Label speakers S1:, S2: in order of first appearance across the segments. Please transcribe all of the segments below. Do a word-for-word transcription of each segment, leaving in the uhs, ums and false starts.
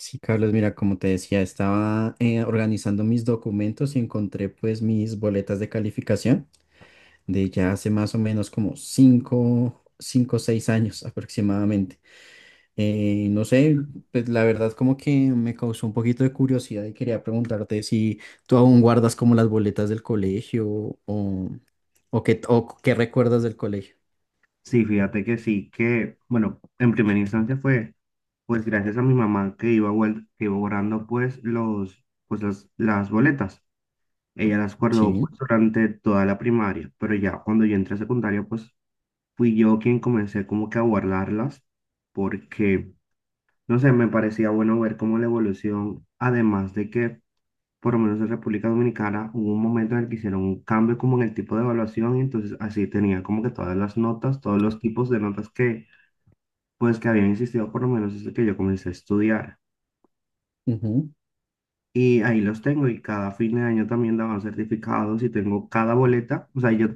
S1: Sí, Carlos, mira, como te decía, estaba eh, organizando mis documentos y encontré, pues, mis boletas de calificación de ya hace más o menos como cinco, cinco, o seis años aproximadamente. Eh, no sé, pues la verdad como que me causó un poquito de curiosidad y quería preguntarte si tú aún guardas como las boletas del colegio o, o, qué, o qué recuerdas del colegio.
S2: Sí, fíjate que sí, que, bueno, en primera instancia fue, pues gracias a mi mamá que iba, guar- que iba guardando, pues, los, pues las, las boletas. Ella las guardó,
S1: Sí.
S2: pues, durante toda la primaria, pero ya cuando yo entré a secundaria, pues, fui yo quien comencé como que a guardarlas, porque, no sé, me parecía bueno ver cómo la evolución, además de que, por lo menos en República Dominicana, hubo un momento en el que hicieron un cambio como en el tipo de evaluación, y entonces así tenía como que todas las notas, todos los tipos de notas que pues que habían existido por lo menos desde que yo comencé a estudiar. Y ahí los tengo y cada fin de año también daban certificados y tengo cada boleta, o sea, yo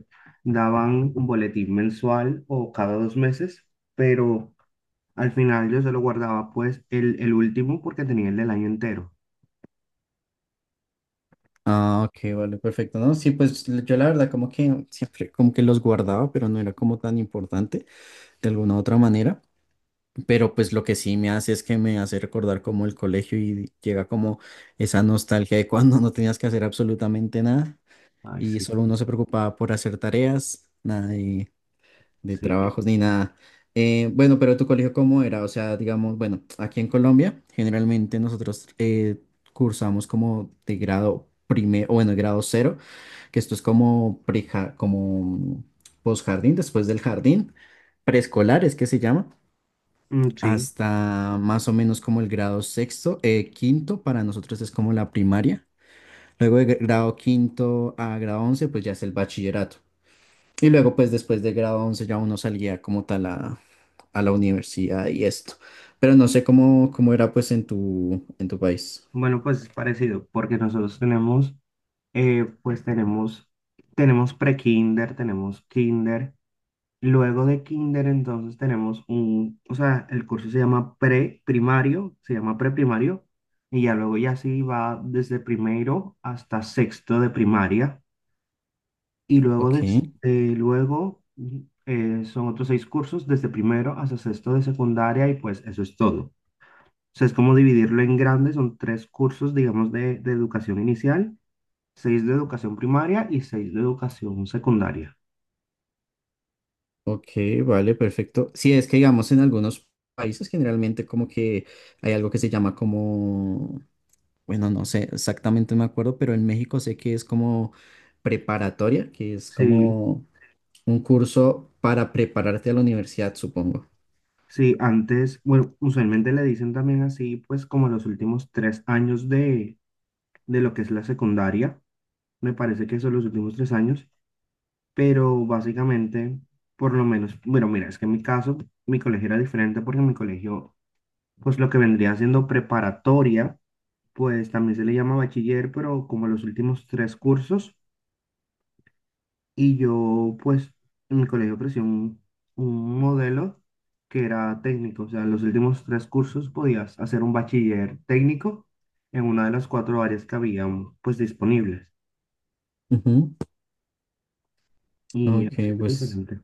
S2: daban un boletín mensual o cada dos meses, pero al final yo se lo guardaba pues el, el último porque tenía el del año entero.
S1: Ah, ok, vale, perfecto, ¿no? Sí, pues l- yo la verdad como que siempre como que los guardaba, pero no era como tan importante de alguna u otra manera, pero pues lo que sí me hace es que me hace recordar como el colegio y llega como esa nostalgia de cuando no tenías que hacer absolutamente nada
S2: Ay,
S1: y
S2: sí,
S1: solo uno se preocupaba por hacer tareas, nada de, de
S2: sí,
S1: trabajos ni nada. Eh, bueno, pero tu colegio cómo era, o sea, digamos, bueno, aquí en Colombia generalmente nosotros eh, cursamos como de grado primero, o, bueno, grado cero, que esto es como pre, como posjardín, después del jardín, preescolar es que se llama,
S2: mm, sí.
S1: hasta más o menos como el grado sexto, eh, quinto, para nosotros es como la primaria. Luego de gr- grado quinto a grado once, pues ya es el bachillerato. Y luego, pues después de grado once ya uno salía como tal a, a la universidad y esto. Pero no sé cómo, cómo era pues en tu, en tu país.
S2: Bueno, pues es parecido porque nosotros tenemos, eh, pues tenemos, tenemos pre-kinder, tenemos kinder. Luego de kinder, entonces tenemos un, o sea, el curso se llama preprimario, se llama preprimario, y ya luego ya sí va desde primero hasta sexto de primaria, y luego,
S1: Ok.
S2: des- eh, luego mm, eh, son otros seis cursos desde primero hasta sexto de secundaria, y pues eso es todo. O sea, es como dividirlo en grandes, son tres cursos, digamos, de, de educación inicial, seis de educación primaria y seis de educación secundaria.
S1: Ok, vale, perfecto. Sí, es que digamos en algunos países generalmente como que hay algo que se llama como, bueno, no sé exactamente, no me acuerdo, pero en México sé que es como preparatoria, que es
S2: Sí.
S1: como un curso para prepararte a la universidad, supongo.
S2: Sí, antes, bueno, usualmente le dicen también así, pues como los últimos tres años de, de lo que es la secundaria, me parece que son los últimos tres años, pero básicamente, por lo menos, bueno, mira, es que en mi caso, mi colegio era diferente porque en mi colegio, pues lo que vendría siendo preparatoria, pues también se le llama bachiller, pero como los últimos tres cursos. Y yo, pues, en mi colegio ofrecí un, un modelo que era técnico, o sea, los últimos tres cursos podías hacer un bachiller técnico en una de las cuatro áreas que habían, pues, disponibles.
S1: Ujú.
S2: Y
S1: Ok,
S2: así es
S1: pues
S2: diferente.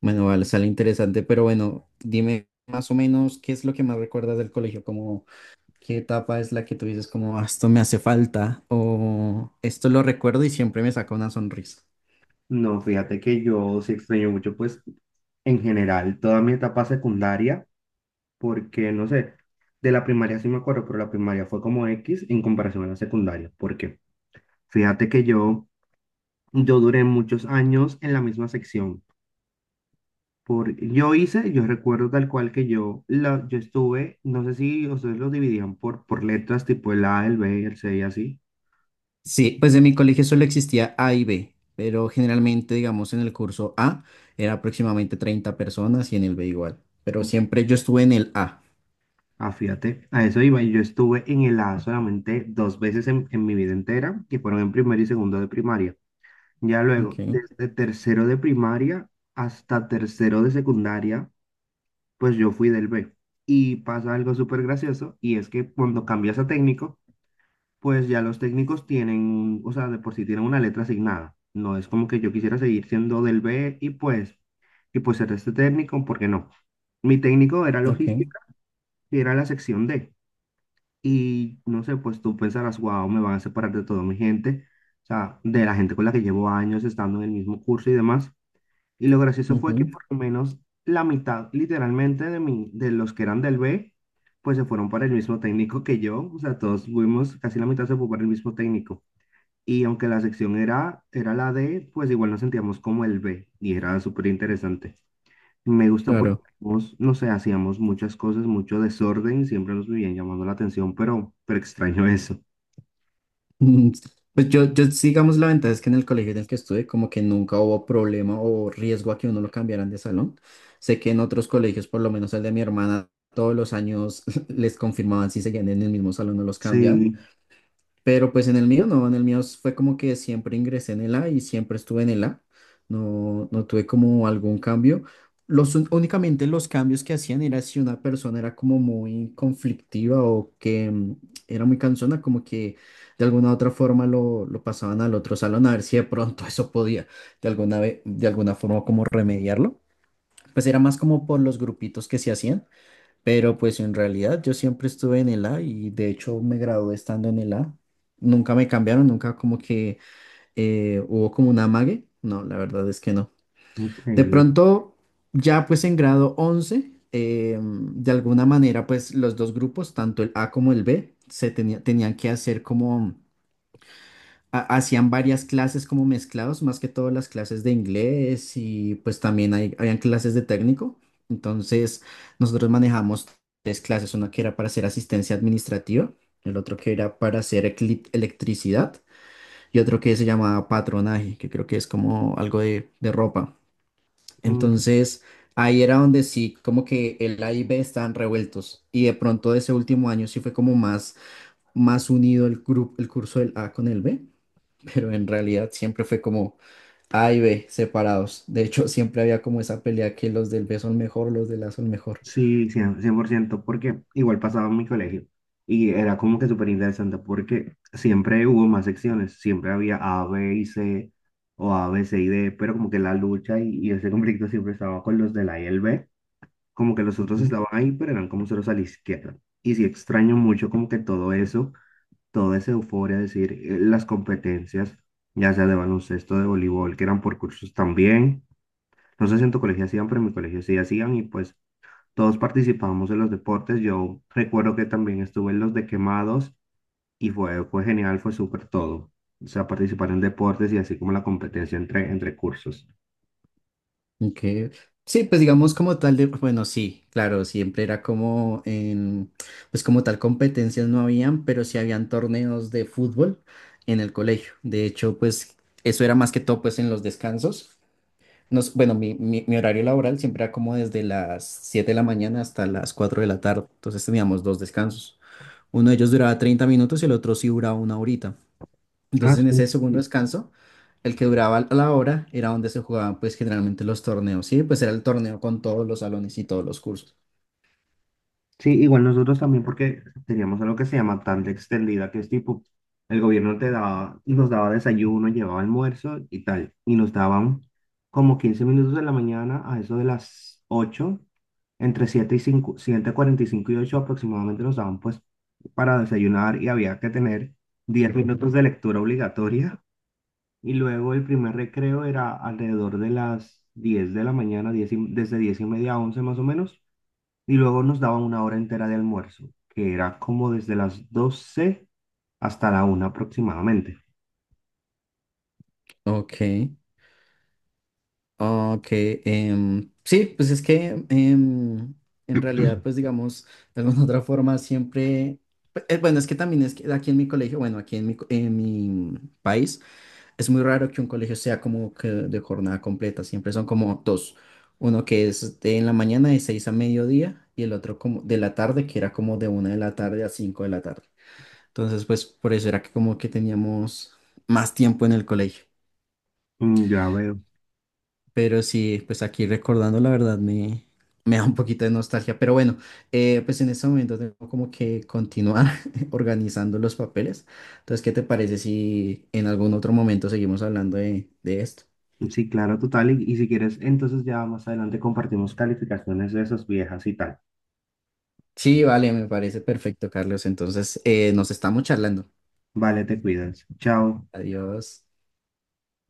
S1: bueno, vale, sale interesante, pero bueno, dime más o menos qué es lo que más recuerdas del colegio, como ¿qué etapa es la que tú dices como, "Ah, esto me hace falta o esto lo recuerdo y siempre me saca una sonrisa"?
S2: No, fíjate que yo sí extraño mucho, pues, en general, toda mi etapa secundaria, porque, no sé, de la primaria sí me acuerdo, pero la primaria fue como X en comparación a la secundaria, porque fíjate que yo, yo duré muchos años en la misma sección. Por, yo hice, yo recuerdo tal cual que yo, la, yo estuve, no sé si ustedes lo dividían por, por letras, tipo el A, el B, el C y así.
S1: Sí, pues en mi colegio solo existía A y B, pero generalmente, digamos, en el curso A era aproximadamente treinta personas y en el B igual, pero
S2: ¿No?
S1: siempre yo estuve en el A.
S2: Ah, fíjate, a eso iba. Y yo estuve en el A solamente dos veces en, en mi vida entera, que fueron en primero y segundo de primaria. Ya luego,
S1: Ok,
S2: desde tercero de primaria hasta tercero de secundaria, pues yo fui del B. Y pasa algo súper gracioso, y es que cuando cambias a técnico, pues ya los técnicos tienen, o sea, de por sí tienen una letra asignada. No es como que yo quisiera seguir siendo del B y pues, y pues ser este técnico, porque no. Mi técnico era
S1: ok,
S2: logística y era la sección D. Y no sé, pues tú pensarás, wow, me van a separar de toda mi gente, o sea, de la gente con la que llevo años estando en el mismo curso y demás. Y lo gracioso fue que
S1: ujú,
S2: por lo menos la mitad, literalmente, de mí, de los que eran del B, pues se fueron para el mismo técnico que yo. O sea, todos fuimos, casi la mitad se fue para el mismo técnico. Y aunque la sección era, era la D, pues igual nos sentíamos como el B y era súper interesante. Me gusta porque
S1: claro.
S2: hacíamos, no sé, hacíamos muchas cosas, mucho desorden, siempre nos vivían llamando la atención, pero, pero extraño eso.
S1: Mm, pues yo, yo sí, digamos, la ventaja es que en el colegio en el que estuve, como que nunca hubo problema o riesgo a que uno lo cambiaran de salón. Sé que en otros colegios, por lo menos el de mi hermana, todos los años les confirmaban si seguían en el mismo salón o los cambiaban.
S2: Sí,
S1: Pero pues en el mío no, en el mío fue como que siempre ingresé en el A y siempre estuve en el A. No, no tuve como algún cambio. Los, un- únicamente los cambios que hacían era si una persona era como muy conflictiva o que mm, era muy cansona, como que de alguna u otra forma lo, lo pasaban al otro salón a ver si de pronto eso podía de alguna, ve- de alguna forma como remediarlo. Pues era más como por los grupitos que se hacían, pero pues en realidad yo siempre estuve en el A y de hecho me gradué estando en el A. Nunca me cambiaron, nunca como que eh, hubo como un amague. No, la verdad es que no. De
S2: increíble.
S1: pronto, ya pues en grado once, eh, de alguna manera pues los dos grupos, tanto el A como el B, se tenía- tenían que hacer como ha- hacían varias clases como mezclados, más que todo las clases de inglés y pues también hay, habían clases de técnico. Entonces nosotros manejamos tres clases, una que era para hacer asistencia administrativa, el otro que era para hacer ecli- electricidad y otro que se llamaba patronaje, que creo que es como algo de, de ropa.
S2: Mm.
S1: Entonces ahí era donde sí, como que el A y B estaban revueltos y de pronto de ese último año sí fue como más, más unido el grupo, el curso del A con el B, pero en realidad siempre fue como A y B separados. De hecho, siempre había como esa pelea que los del B son mejor, los del A son mejor.
S2: Sí, cien- 100%, porque igual pasaba en mi colegio y era como que súper interesante porque siempre hubo más secciones, siempre había A, B y C o A, B, C y D, pero como que la lucha y, y ese conflicto siempre estaba con los del A y el B. Como que los otros
S1: Ujú.
S2: estaban ahí, pero eran como ceros a la izquierda. Y sí extraño mucho como que todo eso, toda esa euforia, es decir, eh, las competencias, ya sea de baloncesto, de voleibol, que eran por cursos también. No sé si en tu colegio hacían, pero en mi colegio sí hacían y pues todos participábamos en los deportes. Yo recuerdo que también estuve en los de quemados y fue, fue genial, fue súper todo. O sea, participar en deportes y así como la competencia entre, entre cursos.
S1: Ok. Sí, pues digamos como tal de, bueno, sí, claro, siempre era como en, pues como tal competencias no habían, pero sí habían torneos de fútbol en el colegio. De hecho, pues eso era más que todo pues en los descansos. Nos, bueno, mi, mi, mi horario laboral siempre era como desde las siete de la mañana hasta las cuatro de la tarde. Entonces teníamos dos descansos. Uno de ellos duraba treinta minutos y el otro sí duraba una horita.
S2: Ah,
S1: Entonces en ese segundo
S2: sí.
S1: descanso, el que duraba la hora era donde se jugaban pues generalmente los torneos, ¿sí? Pues era el torneo con todos los salones y todos los cursos.
S2: Sí, igual nosotros también porque teníamos algo que se llama tanda extendida, que es tipo, el gobierno te daba, nos daba desayuno, llevaba almuerzo y tal, y nos daban como quince minutos de la mañana a eso de las ocho, entre siete y cinco cuarenta y cinco y ocho aproximadamente nos daban pues para desayunar y había que tener diez minutos de lectura obligatoria y luego el primer recreo era alrededor de las diez de la mañana, diez y- desde diez y media a once más o menos y luego nos daban una hora entera de almuerzo, que era como desde las doce hasta la una aproximadamente.
S1: Ok, ok. Em, sí, pues es que em, en realidad, pues digamos, de alguna otra forma siempre... eh, Bueno, es que también es que aquí en mi colegio, bueno, aquí en mi, co- en mi país, es muy raro que un colegio sea como que de jornada completa, siempre son como dos, uno que es de en la mañana de seis a mediodía y el otro como de la tarde, que era como de una de la tarde a cinco de la tarde. Entonces, pues por eso era que como que teníamos más tiempo en el colegio.
S2: Mm, ya veo.
S1: Pero sí, pues aquí recordando, la verdad me, me da un poquito de nostalgia, pero bueno, eh, pues en este momento tengo como que continuar organizando los papeles. Entonces, ¿qué te parece si en algún otro momento seguimos hablando de, de esto?
S2: Sí, claro, total. Y, y si quieres, entonces ya más adelante compartimos calificaciones de esas viejas y tal.
S1: Sí, vale, me parece perfecto, Carlos. Entonces, eh, nos estamos charlando.
S2: Vale, te cuidas. Chao.
S1: Adiós.